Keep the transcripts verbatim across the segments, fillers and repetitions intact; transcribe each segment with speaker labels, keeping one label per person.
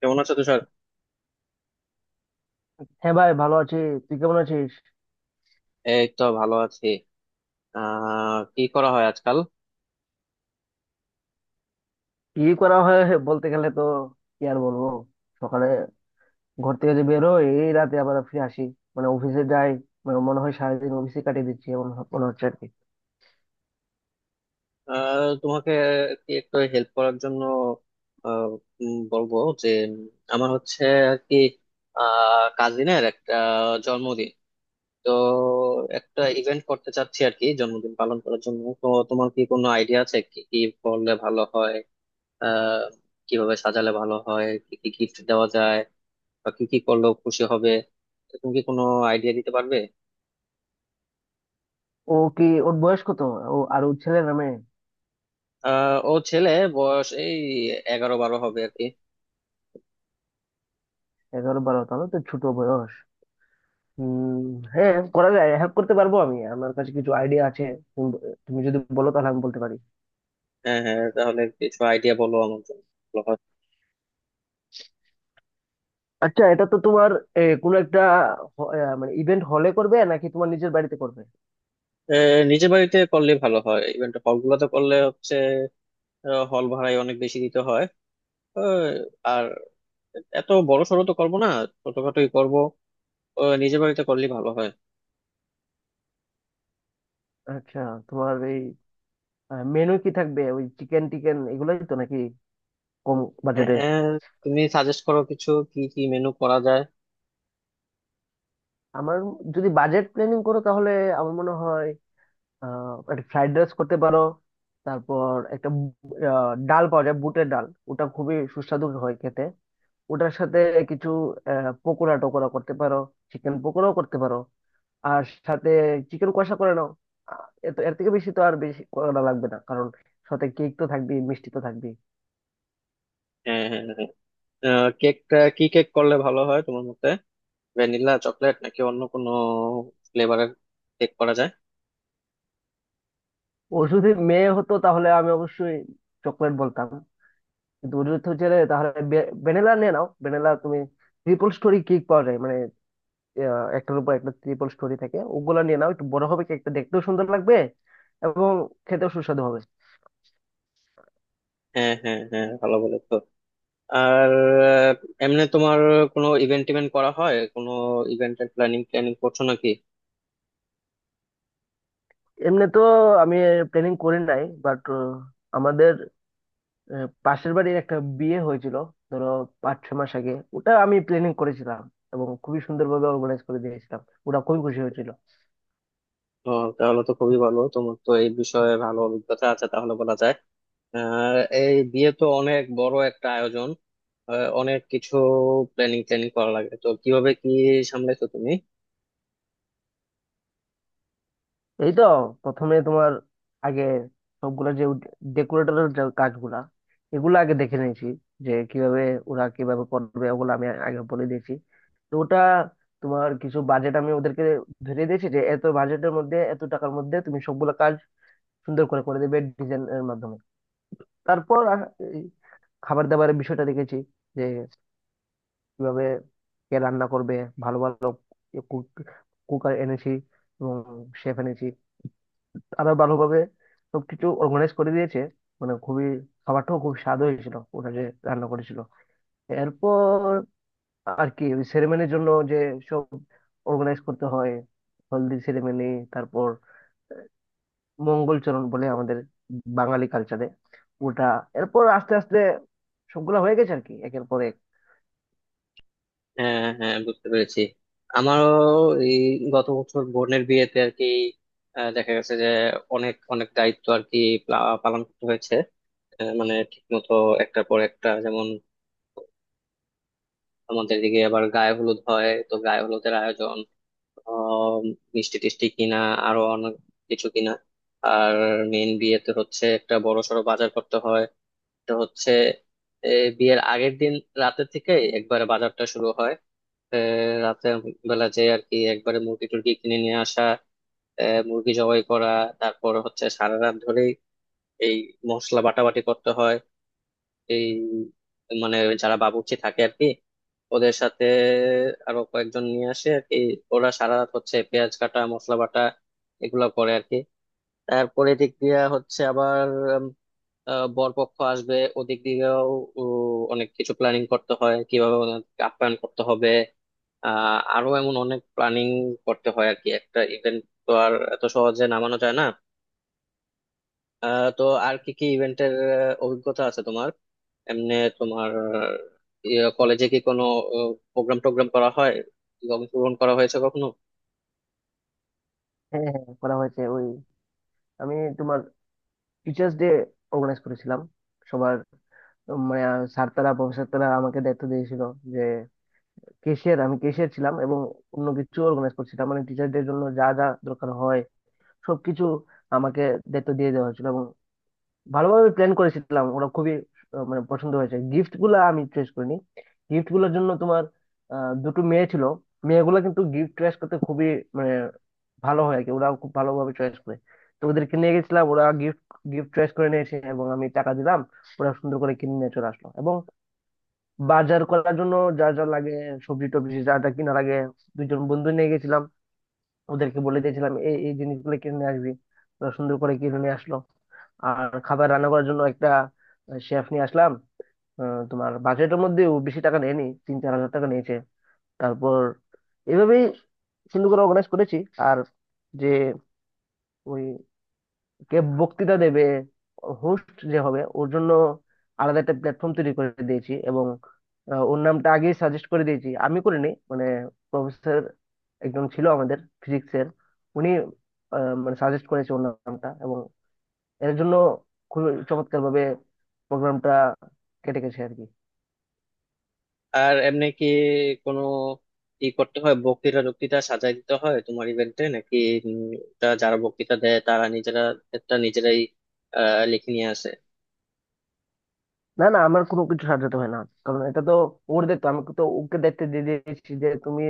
Speaker 1: কেমন আছো তুষার?
Speaker 2: হ্যাঁ ভাই, ভালো আছি। তুই কেমন আছিস?
Speaker 1: এই তো ভালো আছি। আহ কি করা হয় আজকাল?
Speaker 2: কি করা হয়, বলতে গেলে তো কি আর বলবো। সকালে ঘর থেকে যে বের হই এই রাতে আবার ফিরে আসি, মানে অফিসে যাই। মানে মনে হয় সারাদিন অফিসে কাটিয়ে দিচ্ছি এমন হ- মনে হচ্ছে আর কি।
Speaker 1: আহ তোমাকে কি একটু হেল্প করার জন্য আহ, উম, বলবো যে উম, আমার হচ্ছে আর কি আহ কাজিনের একটা জন্মদিন। তো একটা ইভেন্ট করতে চাচ্ছি আর কি জন্মদিন পালন করার জন্য, তো তোমার কি কোনো আইডিয়া আছে কি কি করলে ভালো হয়? আহ কিভাবে সাজালে ভালো হয়, কি কি গিফট দেওয়া যায়, বা কি কি করলেও খুশি হবে? তো তুমি কি কোনো আইডিয়া দিতে পারবে?
Speaker 2: ও কি? ওর বয়স কত? ও আর ওর ছেলে নামে।
Speaker 1: আহ ও ছেলে, বয়স এই এগারো বারো হবে আর কি।
Speaker 2: এগারো বারো, তাহলে তো ছোট বয়স। হম। হ্যাঁ, করা যায়, হেল্প করতে পারবো, আমি আমার কাছে কিছু আইডিয়া আছে। তুমি তুমি যদি বলো তাহলে আমি বলতে পারি।
Speaker 1: হ্যাঁ হ্যাঁ, তাহলে কিছু আইডিয়া বলো, আমার জন্য ভালো হয়।
Speaker 2: আচ্ছা, এটা তো তোমার এ, কোনো একটা হ- এ, মানে ইভেন্ট হলে করবে নাকি তোমার নিজের বাড়িতে করবে?
Speaker 1: আহ, নিজের বাড়িতে করলে ভালো হয়। ইভেন্ট হল গুলোতে করলে হচ্ছে হল ভাড়ায় অনেক বেশি দিতে হয়। আহ, আর এত বড় সড়ো তো করবো না, ছোটখাটোই করবো। আহ, নিজের বাড়িতে করলে ভালো হয়।
Speaker 2: আচ্ছা, তোমার এই মেনু কি থাকবে? ওই চিকেন টিকেন এগুলোই তো নাকি? কম
Speaker 1: আহ,
Speaker 2: বাজেটে।
Speaker 1: আহ, তুমি সাজেস্ট করো কিছু কি কি মেনু করা যায়।
Speaker 2: আমার, যদি বাজেট প্ল্যানিং করো তাহলে আমার মনে হয় আহ একটা ফ্রাইড রাইস করতে পারো। তারপর একটা বু- আহ, ডাল পাওয়া যায়, বুটের ডাল, ওটা খুবই সুস্বাদু হয় খেতে। ওটার সাথে কিছু আহ, পকোড়া টকোড়া করতে পারো, চিকেন পকোড়াও করতে পারো। আর সাথে চিকেন কষা করে নাও। আহ, এত, এর থেকে বেশি তো আর বেশি করা লাগবে না, কারণ সাথে কেক তো থাকবেই, মিষ্টি তো থাকবেই।
Speaker 1: হ্যাঁ হ্যাঁ হ্যাঁ হ্যাঁ। আহ, কেকটা কি কেক করলে ভালো হয় তোমার মতে? ভ্যানিলা, চকলেট, নাকি অন্য কোনো ফ্লেভারের কেক করা যায়?
Speaker 2: ও যদি মেয়ে হতো তাহলে আমি অবশ্যই চকলেট বলতাম। দুধ হচ্ছে যে, তাহলে ভ্যানিলা নিয়ে নাও। ভ্যানিলা তুমি ট্রিপল স্টোরি কেক পাওয়া যায় মানে, আহ, একটার উপর একটা ট্রিপল স্টোরি থাকে, ওগুলা নিয়ে নাও, একটু বড় হবে কেকটা, দেখতেও সুন্দর লাগবে এবং খেতেও সুস্বাদু হবে।
Speaker 1: হ্যাঁ হ্যাঁ হ্যাঁ, ভালো বলেছো। আর আহ, এমনি তোমার কোনো ইভেন্ট টিভেন্ট করা হয়, কোনো ইভেন্টের প্ল্যানিং প্ল্যানিং করছো নাকি?
Speaker 2: এমনি তো আমি প্ল্যানিং করি নাই, বাট আমাদের আহ, পাশের বাড়ির একটা বিয়ে হয়েছিল, ধরো পাঁচ ছ মাস আগে, ওটা আমি প্ল্যানিং করেছিলাম এবং খুবই সুন্দরভাবে অর্গানাইজ করে দিয়েছিলাম, ওরা খুবই খুশি হয়েছিল।
Speaker 1: ও, তাহলে তো খুবই ভালো, তোমার তো এই বিষয়ে ভালো অভিজ্ঞতা আছে তাহলে বলা যায়। আর এই বিয়ে তো অনেক বড় একটা আয়োজন। আহ, অনেক কিছু প্ল্যানিং ট্যানিং করা লাগে, তো কিভাবে কি সামলাইছো তুমি?
Speaker 2: এই তো, প্রথমে তোমার আগে সবগুলা যে ডেকোরেটরের যে কাজগুলা, এগুলো আগে দেখে নিয়েছি যে কিভাবে, ওরা কিভাবে করবে, ওগুলো আমি আগে বলে দিয়েছি। তো ওটা, তোমার কিছু বাজেট আমি ওদেরকে ধরে দিয়েছি যে এত বাজেটের মধ্যে, এত টাকার মধ্যে তুমি সবগুলা কাজ সুন্দর করে করে দেবে ডিজাইন এর মাধ্যমে। তারপর আ- এই খাবার দাবারের বিষয়টা দেখেছি যে কিভাবে, কে রান্না করবে। ভালো ভালো কুক, কুকার এনেছি এবং শেফ এনেছি, আরো ভালোভাবে সবকিছু অর্গানাইজ করে দিয়েছে। মানে খুবই, খাবারটাও খুব স্বাদ হয়েছিল, ওটা যে রান্না করেছিল। এরপর আর কি ওই সেরেমনির জন্য যে সব অর্গানাইজ করতে হয়, হলদি সেরেমনি, তারপর মঙ্গলচরণ বলে আমাদের বাঙালি কালচারে ওটা। এরপর আস্তে আস্তে সবগুলা হয়ে গেছে আর কি একের পর এক।
Speaker 1: হ্যাঁ হ্যাঁ, বুঝতে পেরেছি। আমারও এই গত বছর বোনের বিয়েতে আর কি আহ, দেখা গেছে যে অনেক অনেক দায়িত্ব আর কি প্লা- পালন করতে হয়েছে। আহ, মানে ঠিক মতো একটার পর একটা, যেমন আমাদের দিকে আবার গায়ে হলুদ হয় তো গায়ে হলুদের আয়োজন, আহ, মিষ্টি টিষ্টি কিনা, আরো অনেক কিছু কিনা। আর মেন বিয়েতে হচ্ছে একটা বড় সড়ো বাজার করতে হয়, তো হচ্ছে এ, বিয়ের আগের দিন রাতে থেকে একবারে বাজারটা শুরু হয়। এ, রাতের বেলা যে আর কি একবারে মুরগি টুরগি কিনে নিয়ে আসা, এ, মুরগি জবাই করা। তারপর হচ্ছে সারা রাত ধরেই এই মশলা বাটাবাটি করতে হয়। এই মানে যারা বাবুর্চি থাকে আর কি, ওদের সাথে আরো কয়েকজন নিয়ে আসে আর কি, ওরা সারা রাত হচ্ছে পেঁয়াজ কাটা মশলা বাটা এগুলো করে আর কি। তারপরে দিক দিয়ে হচ্ছে আবার উম, আহ, বরপক্ষ আসবে ওদিক দিয়েও, উ, অনেক কিছু প্ল্যানিং করতে হয় কিভাবে ওনাদেরকে আপ্যায়ন করতে হবে। আহ আরো এমন অনেক প্ল্যানিং করতে হয় আর কি, একটা ইভেন্ট তো আর এত সহজে নামানো যায় না। আহ তো আর কি কি ইভেন্টের অভিজ্ঞতা আছে তোমার? এমনি তোমার কলেজে কি কোনো প্রোগ্রাম টোগ্রাম করা হয়, অংশগ্রহণ করা হয়েছে কখনো?
Speaker 2: হ্যাঁ, হ্যাঁ করা হয়েছে। ওই আমি তোমার টিচার্স ডে অর্গানাইজ করেছিলাম সবার। উম, মানে স্যার তারা, প্রফেসর তারা আমাকে দায়িত্ব দিয়েছিল যে কেশিয়ার, আমি কেশিয়ার ছিলাম এবং অন্য কিছু অর্গানাইজ করছিলাম মানে টিচারদের জন্য যা যা দরকার হয় সবকিছু আমাকে দায়িত্ব দিয়ে দেওয়া হয়েছিল এবং ভালোভাবে প্ল্যান করেছিলাম। ওরা খুবই আহ, মানে পছন্দ হয়েছে। গিফট গুলা আমি চয়েস করিনি গিফট গুলোর জন্য তোমার, আহ, দুটো মেয়ে ছিল, মেয়েগুলো কিন্তু গিফট চয়েস করতে খুবই মানে ভালো হয় আর কি, ওরা খুব ভালোভাবে চয়েস করে। তো ওদেরকে নিয়ে গেছিলাম, ওরা গিফট গিফট চয়েস করে নিয়েছে এবং আমি টাকা দিলাম। ওরা সুন্দর করে কিনে নিয়ে চলে আসলো। এবং বাজার করার জন্য যা যা লাগে, সবজি টবজি যা যা কিনা লাগে, দুজন বন্ধু নিয়ে গেছিলাম, ওদেরকে বলে দিয়েছিলাম এই এই জিনিসগুলো কিনে নিয়ে আসবি। ওরা সুন্দর করে কিনে নিয়ে আসলো। আর খাবার রান্না করার জন্য একটা শেফ নিয়ে আসলাম, আহ, তোমার বাজেটের মধ্যেও বেশি টাকা নেয়নি, তিন চার হাজার টাকা নিয়েছে। তারপর এভাবেই সুন্দর করে অর্গানাইজ করেছি। আর যে ওই কে বক্তৃতা দেবে, হোস্ট যে হবে ওর জন্য আলাদা একটা প্ল্যাটফর্ম তৈরি করে দিয়েছি এবং আহ, ওর নামটা আগেই সাজেস্ট করে দিয়েছি, আমি করিনি মানে, প্রফেসর একজন ছিল আমাদের ফিজিক্সের, উনি আহ, মানে সাজেস্ট করেছে ওর নামটা এবং এর জন্য খুবই চমৎকার ভাবে প্রোগ্রামটা কেটে গেছে আর কি।
Speaker 1: আর এমনি কি কোনো ই করতে হয় বক্তৃতা টক্তৃতা সাজাই দিতে হয় তোমার ইভেন্টে নাকি? উম, তা যারা বক্তৃতা দেয় তারা নিজেরা একটা নিজেরাই আহ, লিখে নিয়ে আসে।
Speaker 2: না, না, আমার কোনো কিছু সাজাতে হয় না, কারণ এটা তো ওর দায়িত্ব। আমি তো ওকে দায়িত্ব দিয়ে দিয়েছি যে তুমি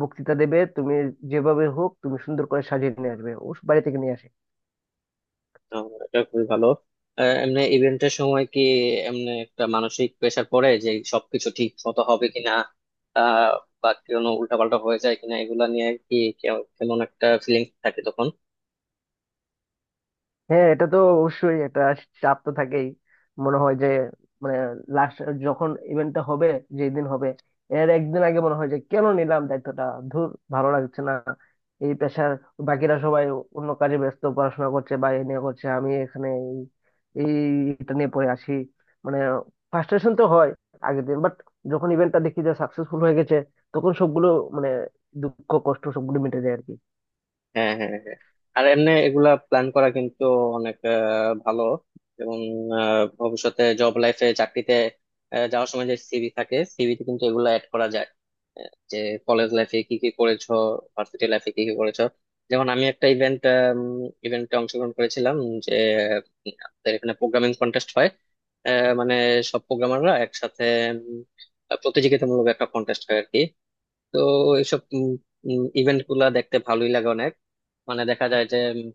Speaker 2: বক্তৃতা দেবে, তুমি যেভাবে হোক তুমি সুন্দর করে সাজিয়ে নিয়ে আসবে, ও বাড়ি থেকে নিয়ে আসে।
Speaker 1: আহ, এটা খুবই ভালো। আহ, এমনি ইভেন্টের সময় কি এমনি একটা মানসিক প্রেশার পড়ে যে সবকিছু ঠিক মতো হবে কিনা, আহ বা কোনো উল্টাপাল্টা হয়ে যায় কিনা এগুলা নিয়ে কি কে- কেমন একটা ফিলিংস থাকে তখন?
Speaker 2: হ্যাঁ, এটা তো অবশ্যই একটা চাপ তো থাকেই। মনে হয় যে মানে লাস্ট, যখন ইভেন্টটা হবে, যেদিন হবে, এর একদিন আগে মনে হয় যে কেন নিলাম দায়িত্বটা, ধুর, ভালো লাগছে না এই পেশার। বাকিরা সবাই অন্য কাজে ব্যস্ত, পড়াশোনা করছে বা এ নিয়ে করছে, আমি এখানে এই, এই এটা নিয়ে পড়ে আসি। মানে ফ্রাস্ট্রেশন তো হয় আগের দিন, বাট যখন ইভেন্টটা দেখি যে সাকসেসফুল হয়ে গেছে, তখন সবগুলো মানে দুঃখ কষ্ট সবগুলো মিটে যায় আর কি।
Speaker 1: হ্যাঁ হ্যাঁ হ্যাঁ। আর এমনি এগুলা প্ল্যান করা কিন্তু অনেক আহ, ভালো এবং আহ, ভবিষ্যতে জব লাইফে চাকরিতে আহ, যাওয়ার সময় যে সিভি থাকে সিভিতে কিন্তু এগুলা অ্যাড করা যায়, আহ, যে কলেজ লাইফে কি কি করেছো, ভার্সিটি লাইফে কি কি করেছো। যেমন আমি একটা ইভেন্ট ইভেন্টে অংশগ্রহণ করেছিলাম যে উম, আমাদের এখানে প্রোগ্রামিং কন্টেস্ট হয়। আহ, মানে সব প্রোগ্রামাররা একসাথে উম, প্রতিযোগিতামূলক একটা কন্টেস্ট হয় আর কি। তো এইসব ইভেন্ট গুলা দেখতে ভালোই লাগে অনেক। মানে দেখা যায় যে উম,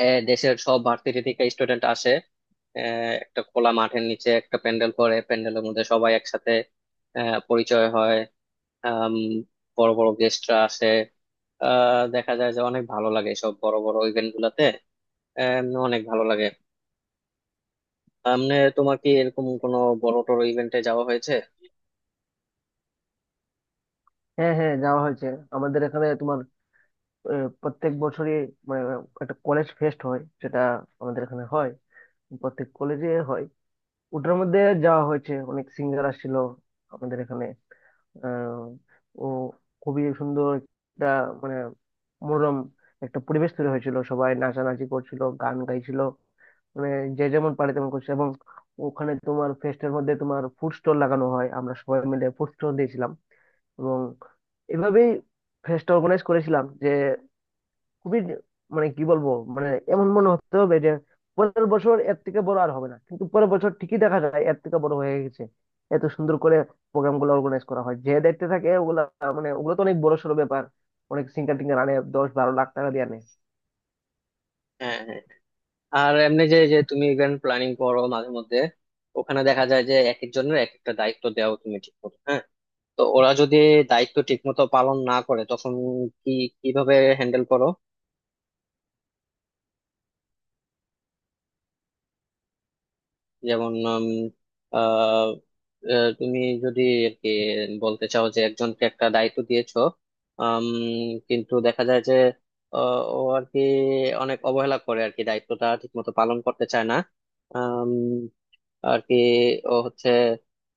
Speaker 1: এ, দেশের সব ভার্সিটি থেকে স্টুডেন্ট আসে, এ, একটা খোলা মাঠের নিচে একটা প্যান্ডেল করে প্যান্ডেলের মধ্যে সবাই একসাথে এ, পরিচয় হয়। আম, বড় বড় গেস্টরা আসে। আহ, দেখা যায় যে অনেক ভালো লাগে সব বড় বড় ইভেন্ট গুলাতে। এম, অনেক ভালো লাগে। এমনি তোমার কি এরকম কোনো বড় টড় ইভেন্টে যাওয়া হয়েছে?
Speaker 2: হ্যাঁ, হ্যাঁ যাওয়া হয়েছে। আমাদের এখানে তোমার আহ, প্রত্যেক বছরই মানে একটা কলেজ ফেস্ট হয়, সেটা আমাদের এখানে হয়, প্রত্যেক কলেজে হয়। ওটার মধ্যে যাওয়া হয়েছে, অনেক সিঙ্গার আসছিল আমাদের এখানে। আহ, ও, খুবই সুন্দর একটা মানে মনোরম একটা পরিবেশ তৈরি হয়েছিল, সবাই নাচানাচি করছিল, গান গাইছিল, মানে যে যেমন পারে তেমন করছে। এবং ওখানে তোমার ফেস্টের মধ্যে তোমার ফুড স্টল লাগানো হয়, আমরা সবাই মিলে ফুড স্টল দিয়েছিলাম এবং এভাবেই ফেস্টটা অর্গানাইজ করেছিলাম যে খুবই মানে কি বলবো, মানে এমন মনে হতে হবে যে পরের বছর এর থেকে বড় আর হবে না, কিন্তু পরের বছর ঠিকই দেখা যায় এর থেকে বড় হয়ে গেছে। এত সুন্দর করে প্রোগ্রাম গুলো অর্গানাইজ করা হয় যে দেখতে থাকে ওগুলা। মানে ওগুলো তো অনেক বড় সড় ব্যাপার, অনেক সিঙ্গার টিঙ্গার আনে, দশ বারো লাখ টাকা দিয়ে আনে।
Speaker 1: হ্যাঁ হ্যাঁ। আর এমনি যে যে তুমি ইভেন্ট প্ল্যানিং করো মাঝে মধ্যে, ওখানে দেখা যায় যে এক একজনের এক একটা দায়িত্ব দেওয়া তুমি ঠিক করো, হ্যাঁ। তো ওরা যদি দায়িত্ব ঠিকমতো পালন না করে তখন কি, কিভাবে হ্যান্ডেল করো? যেমন উম, আহ, আহ, তুমি যদি আর কি বলতে চাও যে একজনকে একটা দায়িত্ব দিয়েছো, আম, কিন্তু দেখা যায় যে আহ, ও আর কি অনেক অবহেলা করে আর কি দায়িত্বটা ঠিকমতো পালন করতে চায় না আর কি। ও হচ্ছে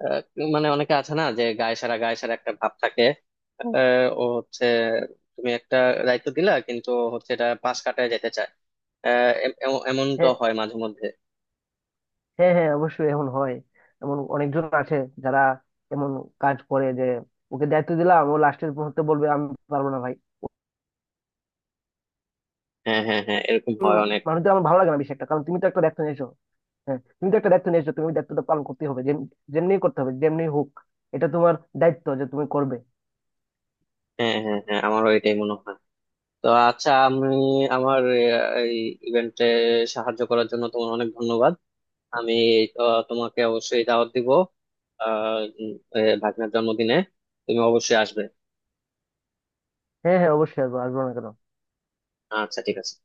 Speaker 1: আহ, মানে অনেকে আছে না যে গায়ে সারা গায়ে সারা একটা ভাব থাকে। আহ, ও হচ্ছে তুমি একটা দায়িত্ব দিলা কিন্তু ও হচ্ছে এটা পাশ কাটায় যেতে চায়। আহ, এম- এম- এমন তো
Speaker 2: হ্যাঁ,
Speaker 1: হয় মাঝে মধ্যে।
Speaker 2: হ্যাঁ, হ্যাঁ, অবশ্যই এমন হয়। এমন অনেকজন আছে যারা এমন কাজ করে যে ওকে দায়িত্ব দিলাম, ও লাস্টের মুহূর্তে বলবে আমি পারবো না ভাই।
Speaker 1: হ্যাঁ হ্যাঁ হ্যাঁ, এরকম
Speaker 2: উম,
Speaker 1: হয় অনেক।
Speaker 2: মানুষদের আমার ভালো লাগে না বেশি একটা, কারণ তুমি তো একটা দায়িত্ব নিয়েছো। হ্যাঁ, তুমি তো একটা দায়িত্ব নিয়েছো, তুমি ওই দায়িত্বটা পালন করতে হবে, যেমনি করতে হবে যেমনি হোক, এটা তোমার দায়িত্ব যে তুমি করবে।
Speaker 1: হ্যাঁ হ্যাঁ হ্যাঁ, আমারও এটাই মনে হয়। তো আচ্ছা, আমি আমার আহ, এই ইভেন্টে সাহায্য করার জন্য তোমার অনেক ধন্যবাদ। আমি আহ, তোমাকে অবশ্যই দাওয়াত দিব। আহ উম, এ, ভাগ্নের জন্মদিনে তুমি অবশ্যই আসবে।
Speaker 2: হ্যাঁ, হ্যাঁ, অবশ্যই আসবো, আসবো না কেন।
Speaker 1: আচ্ছা ঠিক আছে।